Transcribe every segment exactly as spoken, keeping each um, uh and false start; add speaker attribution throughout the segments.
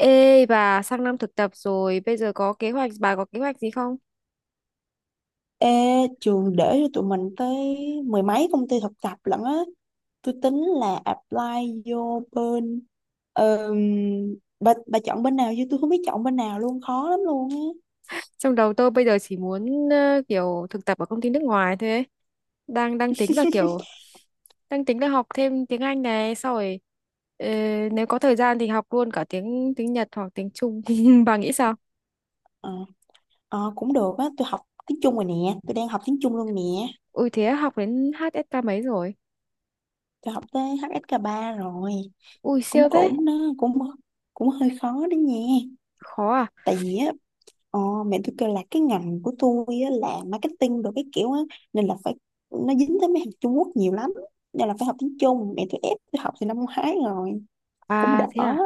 Speaker 1: Ê bà sang năm thực tập rồi bây giờ có kế hoạch bà có kế hoạch gì không?
Speaker 2: Ê, trường để cho tụi mình tới mười mấy công ty thực tập lận á. Tôi tính là apply vô bên ờm, bà, bà chọn bên nào chứ tôi không biết chọn bên nào luôn, khó lắm luôn á.
Speaker 1: Trong đầu tôi bây giờ chỉ muốn ờ, kiểu thực tập ở công ty nước ngoài thôi ấy. Đang đang tính là kiểu đang tính là học thêm tiếng Anh này, sau rồi ờ, nếu có thời gian thì học luôn cả tiếng tiếng Nhật hoặc tiếng Trung. Bà nghĩ sao?
Speaker 2: Ờ, ờ, cũng được á, tôi học tiếng Trung rồi nè, tôi đang học tiếng Trung luôn nè.
Speaker 1: Ui, thế học đến hát ét ca mấy rồi?
Speaker 2: Tôi học tới hát ét ca ba rồi.
Speaker 1: Ui
Speaker 2: Cũng
Speaker 1: siêu thế.
Speaker 2: cũng nó cũng Cũng hơi khó đó nha.
Speaker 1: Khó à?
Speaker 2: Tại vì á, Ờ, mẹ tôi kêu là cái ngành của tôi á, là marketing đồ cái kiểu á, nên là phải, nó dính tới mấy hàng Trung Quốc nhiều lắm nên là phải học tiếng Trung, mẹ tôi ép tôi học từ năm ngoái rồi, cũng
Speaker 1: À
Speaker 2: đỡ.
Speaker 1: thế à?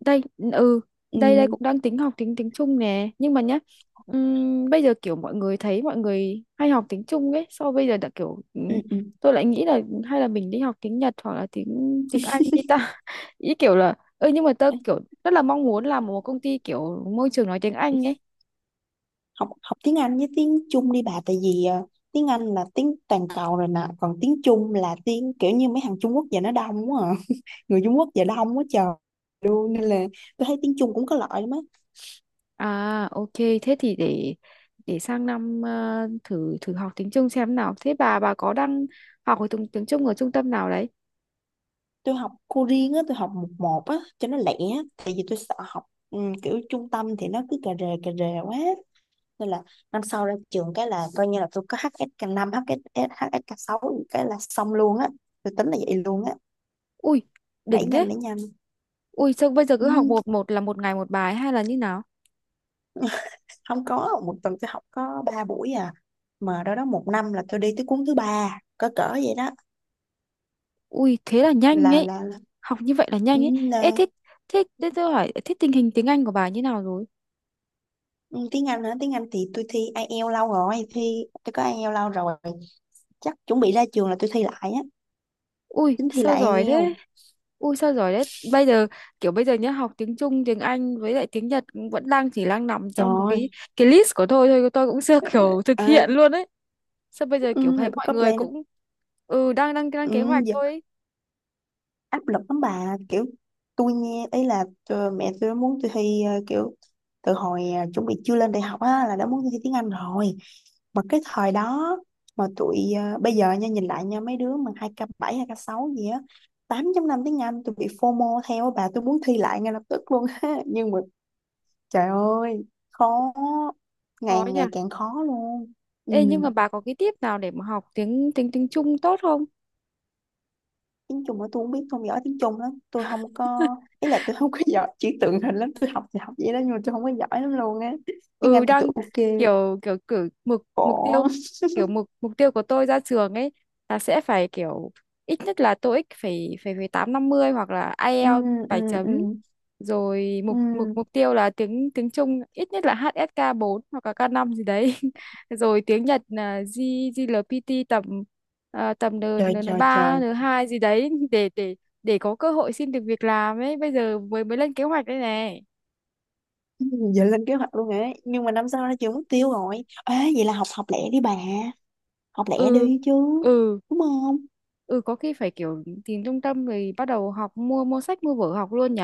Speaker 1: Đây ừ
Speaker 2: Ừ,
Speaker 1: đây đây cũng đang tính học tiếng tiếng Trung nè, nhưng mà nhá, ừm, bây giờ kiểu mọi người thấy mọi người hay học tiếng Trung ấy, sau bây giờ đã kiểu,
Speaker 2: ừ,
Speaker 1: ừm,
Speaker 2: ừ.
Speaker 1: tôi lại nghĩ là hay là mình đi học tiếng Nhật hoặc là tiếng tiếng Anh đi ta. Ý kiểu là, ơ, nhưng mà tôi
Speaker 2: Ê,
Speaker 1: kiểu rất là mong muốn làm một công ty kiểu môi trường nói tiếng Anh ấy.
Speaker 2: học học tiếng Anh với tiếng Trung đi bà, tại vì ờ, tiếng Anh là tiếng toàn cầu rồi nè, còn tiếng Trung là tiếng kiểu như mấy hàng Trung Quốc, giờ nó đông quá à. Người Trung Quốc giờ đông quá trời luôn, nên là tôi thấy tiếng Trung cũng có lợi lắm á.
Speaker 1: À ok, thế thì để để sang năm ờ, thử thử học tiếng Trung xem nào. Thế bà bà có đang học ở tiếng tiếng Trung ở trung tâm nào đấy?
Speaker 2: Tôi học cô riêng á, tôi học một một á cho nó lẻ, tại vì tôi sợ học ừ, kiểu trung tâm thì nó cứ cà rề cà rề quá, nên là năm sau ra trường cái là coi như là tôi có hát ét ca năm, hát ét ca năm, hsk hsk sáu, cái là xong luôn á, tôi tính là vậy luôn á.
Speaker 1: Ui
Speaker 2: Đẩy
Speaker 1: đỉnh thế.
Speaker 2: nhanh đẩy nhanh.
Speaker 1: Ui sao bây giờ cứ
Speaker 2: Ừ.
Speaker 1: học một một là một ngày một bài hay là như nào?
Speaker 2: Không có, một tuần tôi học có ba buổi à, mà đó đó một năm là tôi đi tới cuốn thứ ba, cỡ cỡ vậy đó.
Speaker 1: Ui thế là nhanh
Speaker 2: là
Speaker 1: ấy.
Speaker 2: là, là,
Speaker 1: Học như vậy là
Speaker 2: ừ,
Speaker 1: nhanh ấy.
Speaker 2: là
Speaker 1: Ê thế, thế thế tôi hỏi, thế tình hình tiếng Anh của bà như nào rồi?
Speaker 2: ừ, Tiếng Anh hả? Tiếng Anh thì tôi thi ai eo lâu rồi, thi tôi có ai eo lâu rồi, chắc chuẩn bị ra trường là tôi thi lại á,
Speaker 1: Ui
Speaker 2: tính thi
Speaker 1: sao
Speaker 2: lại
Speaker 1: giỏi
Speaker 2: ai eo
Speaker 1: thế? Ui sao giỏi thế? Bây giờ kiểu bây giờ nhá, học tiếng Trung, tiếng Anh với lại tiếng Nhật cũng vẫn đang chỉ đang nằm trong một cái
Speaker 2: rồi.
Speaker 1: cái list của tôi thôi, tôi cũng chưa kiểu thực
Speaker 2: À,
Speaker 1: hiện luôn ấy. Sao bây giờ kiểu
Speaker 2: ừ, là
Speaker 1: thấy mọi
Speaker 2: có
Speaker 1: người
Speaker 2: plan không?
Speaker 1: cũng, ừ, đang đang đang kế
Speaker 2: Ừ,
Speaker 1: hoạch
Speaker 2: giờ
Speaker 1: thôi ấy.
Speaker 2: áp lực lắm bà, kiểu tôi nghe ấy là ờ, mẹ tôi muốn tôi thi ờ, kiểu, từ hồi ờ, chuẩn bị chưa lên đại học á là đã muốn tôi thi tiếng Anh rồi, mà cái thời đó, mà tụi ờ, bây giờ nha, nhìn lại nha, mấy đứa mà hai k bảy hai k sáu gì á, tám chấm năm tiếng Anh, tôi bị FOMO theo á bà, tôi muốn thi lại ngay lập tức luôn á, nhưng mà trời ơi, khó, ngày
Speaker 1: Khó nhỉ.
Speaker 2: ngày càng khó luôn. Ừ,
Speaker 1: Ê, nhưng mà bà có cái tip nào để mà học tiếng tiếng tiếng Trung tốt không?
Speaker 2: tiếng Trung mà tôi không biết, tôi không giỏi tiếng Trung lắm. Tôi không có, ý là tôi không có giỏi chữ tượng hình lắm. Tôi học thì học vậy đó, nhưng mà tôi không có giỏi lắm luôn á. Tiếng
Speaker 1: Ừ,
Speaker 2: Anh thì tôi
Speaker 1: đang
Speaker 2: ok,
Speaker 1: kiểu, kiểu cử mục mục tiêu,
Speaker 2: khổ.
Speaker 1: kiểu mục mục tiêu của tôi ra trường ấy là sẽ phải kiểu ít nhất là TOEIC phải phải phải tám năm mươi hoặc là
Speaker 2: Ừ,
Speaker 1: IELTS
Speaker 2: ừ,
Speaker 1: bảy
Speaker 2: ừ,
Speaker 1: chấm, rồi mục
Speaker 2: ừ.
Speaker 1: mục mục tiêu là tiếng tiếng Trung ít nhất là hát ét ca bốn hoặc là k năm gì đấy, rồi tiếng Nhật là G giê lờ pê tê tầm, à, tầm N
Speaker 2: Trời,
Speaker 1: n
Speaker 2: trời, trời.
Speaker 1: ba n hai gì đấy, để để để có cơ hội xin được việc làm ấy. Bây giờ mới mới lên kế hoạch đây này.
Speaker 2: Ừ, giờ lên kế hoạch luôn ấy. Nhưng mà năm sau ra trường mất tiêu rồi. Ê, vậy là học học lẻ đi bà. Học lẻ
Speaker 1: Ừ,
Speaker 2: đi chứ.
Speaker 1: ừ,
Speaker 2: Đúng không?
Speaker 1: ừ, có khi phải kiểu tìm trung tâm rồi bắt đầu học, mua mua sách mua vở học luôn nhỉ.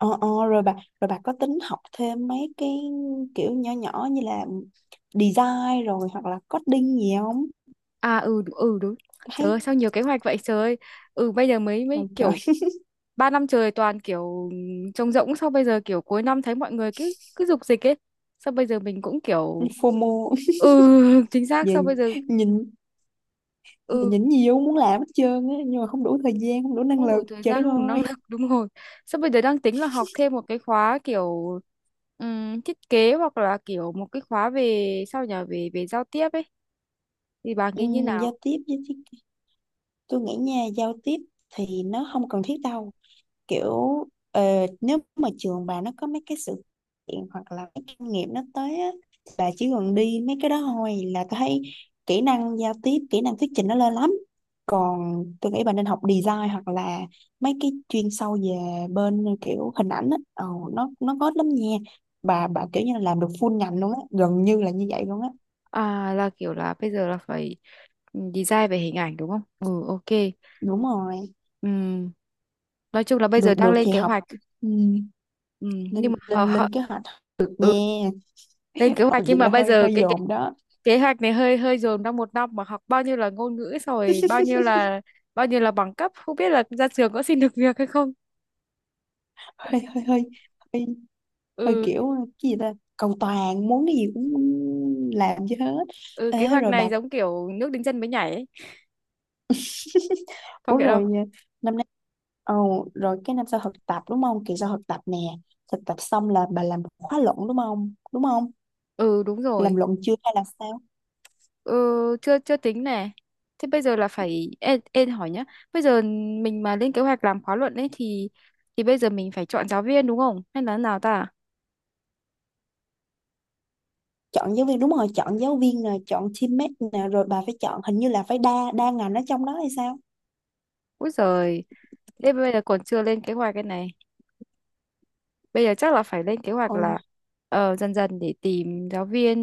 Speaker 2: Ờ, ờ, rồi bà rồi bà có tính học thêm mấy cái kiểu nhỏ nhỏ như là design rồi hoặc là coding gì không?
Speaker 1: À, ừ, ừ, đúng. Trời
Speaker 2: Thấy
Speaker 1: ơi, sao nhiều kế hoạch vậy, trời ơi. Ừ, bây giờ mới mới
Speaker 2: trời, trời.
Speaker 1: kiểu, ba năm trời toàn kiểu trống rỗng, sau bây giờ kiểu cuối năm thấy mọi người cứ cứ dục dịch ấy, sao bây giờ mình cũng kiểu.
Speaker 2: FOMO.
Speaker 1: Ừ, chính xác.
Speaker 2: Về
Speaker 1: Sao bây giờ,
Speaker 2: nhìn, giờ
Speaker 1: ừ,
Speaker 2: nhìn nhiều muốn làm hết trơn á, nhưng mà không đủ thời gian không đủ năng
Speaker 1: không
Speaker 2: lực,
Speaker 1: đủ thời
Speaker 2: trời đất
Speaker 1: gian không đủ năng
Speaker 2: ơi.
Speaker 1: lực, đúng rồi. Sao bây giờ đang tính là học thêm một cái khóa kiểu, ừm, thiết kế, hoặc là kiểu một cái khóa về, sao nhở, về về giao tiếp ấy, thì bà
Speaker 2: Ừ,
Speaker 1: nghĩ như
Speaker 2: giao
Speaker 1: nào?
Speaker 2: tiếp với thiết, tôi nghĩ nha, giao tiếp thì nó không cần thiết đâu, kiểu ờ, nếu mà trường bà nó có mấy cái sự kiện hoặc là mấy kinh nghiệm nó tới á, bà chỉ cần đi mấy cái đó thôi là tôi thấy kỹ năng giao tiếp, kỹ năng thuyết trình nó lên lắm. Còn tôi nghĩ bà nên học design hoặc là mấy cái chuyên sâu về bên ờ, kiểu hình ảnh á, ờ, nó nó có lắm nha. Bà bà kiểu như là làm được full ngành luôn á, gần như là như vậy luôn á.
Speaker 1: À là kiểu là bây giờ là phải, ừ, design về hình ảnh, đúng không? Ừ ok.
Speaker 2: Đúng rồi.
Speaker 1: Ừm, nói chung là bây giờ
Speaker 2: Được
Speaker 1: đang
Speaker 2: được
Speaker 1: lên
Speaker 2: thì
Speaker 1: kế
Speaker 2: học.
Speaker 1: hoạch.
Speaker 2: Ừ,
Speaker 1: Ừm, nhưng
Speaker 2: lên
Speaker 1: mà hờ-
Speaker 2: lên
Speaker 1: hờ-
Speaker 2: lên kế hoạch
Speaker 1: ừ,
Speaker 2: nha.
Speaker 1: lên kế
Speaker 2: Học
Speaker 1: hoạch
Speaker 2: gì
Speaker 1: nhưng mà
Speaker 2: là
Speaker 1: bây
Speaker 2: hơi
Speaker 1: giờ
Speaker 2: hơi
Speaker 1: cái, cái
Speaker 2: dồn đó.
Speaker 1: kế hoạch này hơi hơi dồn trong một năm mà học bao nhiêu là ngôn ngữ, xong rồi bao nhiêu là, bao nhiêu là bằng cấp, không biết là ra trường có xin được việc hay không.
Speaker 2: Hơi hơi hơi Hơi hơi
Speaker 1: Ừ,
Speaker 2: kiểu cái gì ta, cầu toàn, muốn cái gì cũng làm cho hết.
Speaker 1: ừ, kế
Speaker 2: Ế
Speaker 1: hoạch
Speaker 2: rồi
Speaker 1: này
Speaker 2: bạc.
Speaker 1: giống kiểu nước đến chân mới nhảy ấy. Không
Speaker 2: Ủa
Speaker 1: hiểu đâu.
Speaker 2: rồi, ờ, năm nay, ồ rồi cái năm sau thực tập đúng không? Kỳ sau thực tập nè, thực tập xong là bà làm một khóa luận đúng không? Đúng không
Speaker 1: Ừ đúng rồi,
Speaker 2: làm luận chưa hay là sao?
Speaker 1: ừ chưa chưa tính nè. Thế bây giờ là phải, em, em hỏi nhá, bây giờ mình mà lên kế hoạch làm khóa luận ấy thì thì bây giờ mình phải chọn giáo viên đúng không hay là nào ta?
Speaker 2: Chọn giáo viên, đúng rồi, chọn giáo viên nè, chọn teammate nè, rồi bà phải chọn hình như là phải đa đa ngành ở trong đó hay sao?
Speaker 1: Úi giời, thế bây giờ còn chưa lên kế hoạch cái này. Bây giờ chắc là phải lên kế hoạch
Speaker 2: Ôi
Speaker 1: là ờ, dần dần để tìm giáo viên.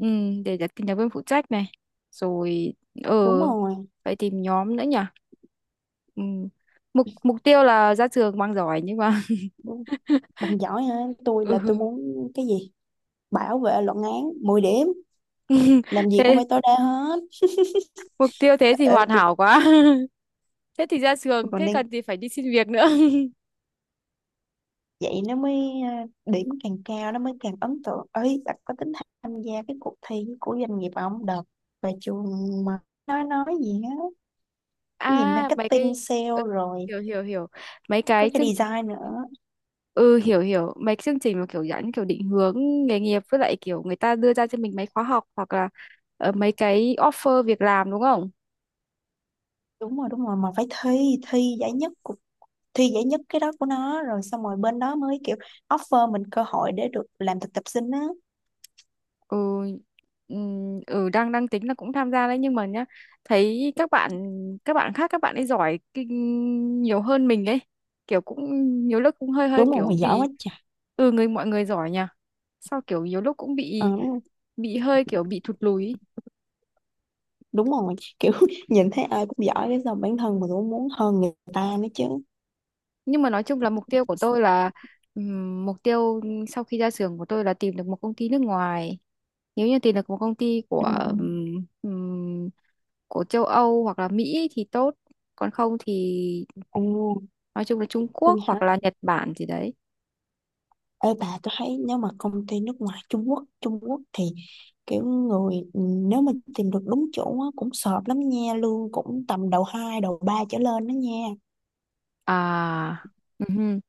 Speaker 1: Ừ, để đặt- tìm giáo viên phụ trách này, rồi ờ
Speaker 2: đúng rồi.
Speaker 1: phải tìm nhóm nữa nhỉ. Ừ. mục mục tiêu là ra trường mang giỏi nhưng mà
Speaker 2: Đúng. Bằng giỏi hả? Tôi là
Speaker 1: ừ.
Speaker 2: tôi muốn cái gì, bảo vệ luận án mười điểm, làm gì cũng
Speaker 1: Thế
Speaker 2: phải tối đa hết.
Speaker 1: mục tiêu thế thì
Speaker 2: Ờ,
Speaker 1: hoàn
Speaker 2: tôi,
Speaker 1: hảo quá. Thế thì ra
Speaker 2: tôi
Speaker 1: trường
Speaker 2: còn
Speaker 1: thế
Speaker 2: đang,
Speaker 1: cần gì phải đi xin việc nữa.
Speaker 2: vậy nó mới à, điểm càng cao nó mới càng ấn tượng ấy bạn. Có tính tham gia cái cuộc thi của doanh nghiệp ông đợt và trường mà nói nói gì á, nhìn
Speaker 1: À mấy cái,
Speaker 2: marketing sale
Speaker 1: ừ,
Speaker 2: rồi,
Speaker 1: hiểu, hiểu, hiểu. Mấy
Speaker 2: có
Speaker 1: cái
Speaker 2: cái
Speaker 1: chương trình
Speaker 2: design nữa.
Speaker 1: Ừ, hiểu, hiểu, mấy cái chương trình mà kiểu dẫn, kiểu định hướng nghề nghiệp với lại kiểu người ta đưa ra cho mình mấy khóa học hoặc là ờ, mấy cái offer việc làm, đúng không?
Speaker 2: Đúng rồi, đúng rồi, mà phải thi thi giải nhất, cuộc thi giải nhất cái đó của nó rồi xong rồi bên đó mới kiểu offer mình cơ hội để được làm thực tập sinh á.
Speaker 1: Ừ, ừm, ừ, đang đang tính là cũng tham gia đấy nhưng mà nhá, thấy các bạn, các bạn khác các bạn ấy giỏi kinh nhiều hơn mình ấy, kiểu cũng nhiều lúc cũng hơi hơi
Speaker 2: Đúng rồi,
Speaker 1: kiểu
Speaker 2: mày giỏi
Speaker 1: bị,
Speaker 2: quá trời.
Speaker 1: ừ, người mọi người giỏi nhỉ. Sao kiểu nhiều lúc cũng
Speaker 2: Ờ,
Speaker 1: bị, bị hơi kiểu bị thụt lùi ý.
Speaker 2: đúng rồi, kiểu nhìn thấy ai cũng giỏi cái sao bản thân mình cũng muốn hơn người ta nữa chứ.
Speaker 1: Nhưng mà nói chung là mục tiêu của tôi là, ừm, mục tiêu sau khi ra trường của tôi là tìm được một công ty nước ngoài. Nếu như tìm được một công ty của,
Speaker 2: Ừ.
Speaker 1: ừm, ừm, của châu Âu hoặc là Mỹ thì tốt, còn không thì
Speaker 2: Ồ,
Speaker 1: nói chung là Trung Quốc
Speaker 2: tôi hả?
Speaker 1: hoặc là Nhật Bản gì đấy.
Speaker 2: Ê bà, tôi thấy nếu mà công ty nước ngoài, Trung Quốc, Trung Quốc thì kiểu người, ừ, nếu mà tìm được đúng chỗ á, cũng sợp lắm nha, lương cũng tầm đầu hai đầu ba trở lên đó nha.
Speaker 1: À, Ừhư.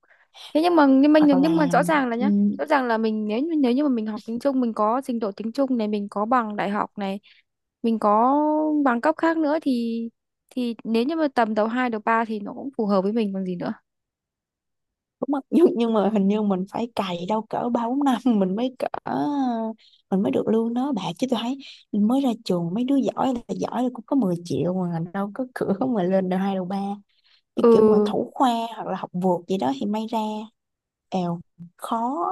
Speaker 1: Thế nhưng mà, nhưng mà
Speaker 2: Hoặc
Speaker 1: nhưng mà
Speaker 2: là,
Speaker 1: rõ ràng là
Speaker 2: ừ,
Speaker 1: nhá, rõ ràng là mình, nếu như nếu như mà mình học tiếng Trung, mình có trình độ tiếng Trung này, mình có bằng đại học này, mình có bằng cấp khác nữa thì thì nếu như mà tầm đầu hai đầu ba thì nó cũng phù hợp với mình còn gì nữa.
Speaker 2: đúng không? nhưng nhưng mà hình như mình phải cày đâu cỡ ba bốn năm mình mới cỡ mình mới được lương đó bạn, chứ tôi thấy mới ra trường mấy đứa giỏi là giỏi là cũng có mười triệu, mà đâu có cửa mà lên được hai đầu ba, như
Speaker 1: Ừ,
Speaker 2: kiểu mà thủ khoa hoặc là học vượt gì đó thì may ra. Èo, khó.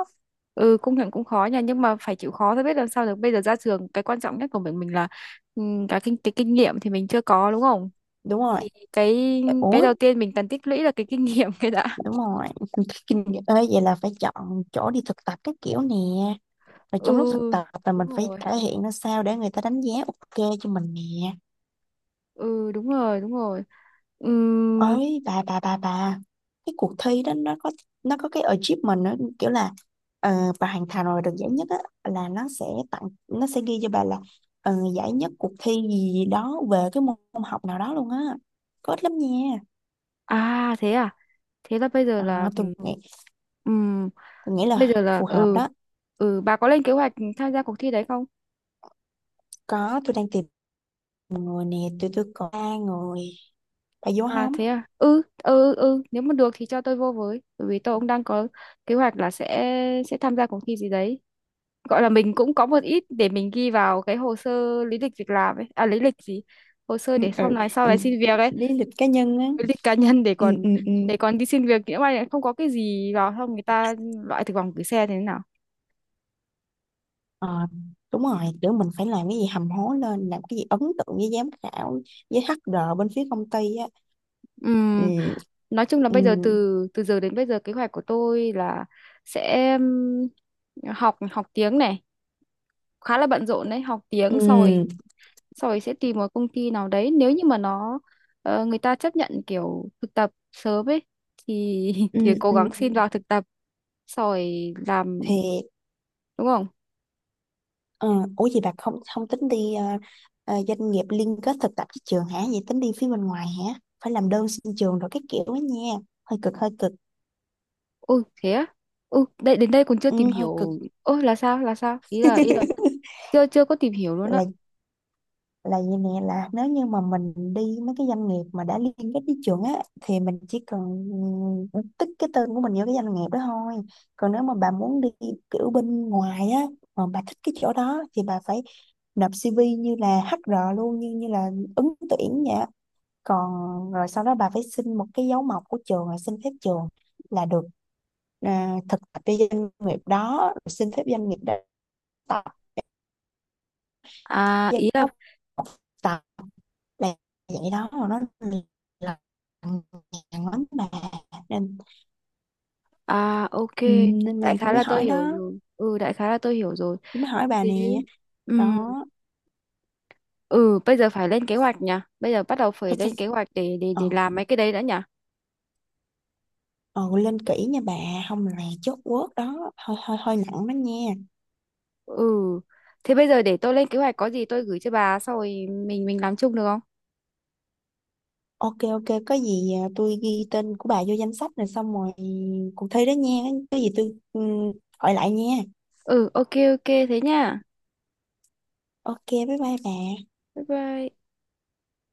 Speaker 1: ừ công nhận cũng khó nha, nhưng mà phải chịu khó thôi, biết làm sao được. Bây giờ ra trường cái quan trọng nhất của mình mình là, ừm, cái kinh cái kinh nghiệm thì mình chưa có, đúng không?
Speaker 2: Đúng rồi,
Speaker 1: Cái cái
Speaker 2: ủa
Speaker 1: đầu tiên mình cần tích lũy là cái kinh nghiệm cái đã.
Speaker 2: đúng rồi. Kinh nghiệm ơi, vậy là phải chọn chỗ đi thực tập các kiểu nè, và trong lúc thực
Speaker 1: Ừ
Speaker 2: tập là
Speaker 1: đúng
Speaker 2: mình phải
Speaker 1: rồi,
Speaker 2: thể hiện ra sao để người ta đánh giá ok cho mình nè.
Speaker 1: ừ đúng rồi, đúng rồi. Ừm,
Speaker 2: Ấy bà, bà bà bà cái cuộc thi đó nó có, nó có cái achievement, nó kiểu là ờ, bà hoàn thành rồi được giải nhất á là nó sẽ tặng, nó sẽ ghi cho bà là ờ, giải nhất cuộc thi gì, gì đó về cái môn học nào đó luôn á, có ít lắm nha.
Speaker 1: à thế à, thế là bây giờ là,
Speaker 2: Ờ, tôi nghĩ,
Speaker 1: ừm,
Speaker 2: tôi nghĩ
Speaker 1: bây
Speaker 2: là
Speaker 1: giờ là
Speaker 2: phù hợp
Speaker 1: ừ,
Speaker 2: đó.
Speaker 1: ừ, bà có lên kế hoạch tham gia cuộc thi đấy không?
Speaker 2: Có, tôi đang tìm người nè, tôi tôi có ba người, bà vô
Speaker 1: À
Speaker 2: không?
Speaker 1: thế à, ừ, ừ, ừ, nếu mà được thì cho tôi vô với, bởi vì tôi cũng đang có kế hoạch là sẽ sẽ tham gia cuộc thi gì đấy, gọi là mình cũng có một ít để mình ghi vào cái hồ sơ, lý lịch việc làm ấy, à lý lịch gì, hồ sơ
Speaker 2: Ừ,
Speaker 1: để
Speaker 2: ừ,
Speaker 1: sau này, sau này
Speaker 2: ừ.
Speaker 1: xin việc ấy,
Speaker 2: Lý lịch cá nhân á.
Speaker 1: cái lịch cá nhân để
Speaker 2: Ừ,
Speaker 1: còn,
Speaker 2: ừ, ừ.
Speaker 1: để còn đi xin việc, nhỡ may lại không có cái gì vào không, người ta loại thực vòng gửi xe thế nào.
Speaker 2: Ờ, đúng rồi, kiểu mình phải làm cái gì hầm hố lên, làm cái gì ấn tượng với giám khảo, với hát rờ bên phía công ty á.
Speaker 1: Ừm,
Speaker 2: Ừ,
Speaker 1: nói chung là
Speaker 2: ừ,
Speaker 1: bây giờ từ, từ giờ đến bây giờ kế hoạch của tôi là sẽ, ừm, học, học tiếng này khá là bận rộn đấy, học tiếng sau rồi,
Speaker 2: ừ,
Speaker 1: sau rồi sẽ tìm một công ty nào đấy, nếu như mà nó, ờ, người ta chấp nhận kiểu thực tập sớm ấy thì
Speaker 2: ừ,
Speaker 1: thì cố
Speaker 2: ừ.
Speaker 1: gắng xin vào thực tập, sau rồi làm,
Speaker 2: Thì,
Speaker 1: đúng không?
Speaker 2: ờ, ủa gì bà không không tính đi ờ, ờ, doanh nghiệp liên kết thực tập với trường hả? Vậy tính đi phía bên ngoài hả? Phải làm đơn xin trường rồi cái kiểu đó nha. Hơi cực, hơi cực.
Speaker 1: Ôi thế á? Ừ, đây đến đây còn chưa tìm
Speaker 2: Ừ, hơi cực.
Speaker 1: hiểu. Ôi là sao? Là sao? Ý là, ý là chưa chưa có tìm hiểu luôn á.
Speaker 2: Là là gì nè, là nếu như mà mình đi mấy cái doanh nghiệp mà đã liên kết với trường á thì mình chỉ cần, ừ, tích cái tên của mình vô cái doanh nghiệp đó thôi. Còn nếu mà bà muốn đi kiểu bên ngoài á mà bà thích cái chỗ đó thì bà phải nộp xê vê như là hát rờ luôn, như như là ứng tuyển vậy á. Còn rồi sau đó bà phải xin một cái dấu mộc của trường rồi xin phép trường là được, à, thực tập cho doanh nghiệp đó rồi xin phép doanh nghiệp đó, tập
Speaker 1: À ý là
Speaker 2: giáo tập, là vậy đó, mà nó là nhằn lắm bà, nên
Speaker 1: À ok,
Speaker 2: ừ, nên là
Speaker 1: đại
Speaker 2: tôi
Speaker 1: khái
Speaker 2: mới
Speaker 1: là tôi
Speaker 2: hỏi
Speaker 1: hiểu
Speaker 2: đó,
Speaker 1: rồi. Ừ đại khái là tôi hiểu rồi.
Speaker 2: tôi mới hỏi bà
Speaker 1: Thế,
Speaker 2: nè
Speaker 1: ừ,
Speaker 2: đó.
Speaker 1: ừ, bây giờ phải lên kế hoạch nhỉ. Bây giờ bắt đầu
Speaker 2: Thôi,
Speaker 1: phải
Speaker 2: thôi,
Speaker 1: lên kế hoạch để để
Speaker 2: ờ,
Speaker 1: để làm mấy cái đấy đã nhỉ.
Speaker 2: ờ lên kỹ nha bà, không là chốt quớt đó, hơi hơi hơi nặng đó nha.
Speaker 1: Ừ. Thế bây giờ để tôi lên kế hoạch, có gì tôi gửi cho bà, sau rồi mình mình làm chung được không?
Speaker 2: Ok ok, có gì à, tôi ghi tên của bà vô danh sách rồi, xong rồi cuộc thi đó nha, cái gì tôi, ừ, gọi lại nha.
Speaker 1: Ừ ok ok thế nha.
Speaker 2: Ok bye bye bà.
Speaker 1: Bye bye.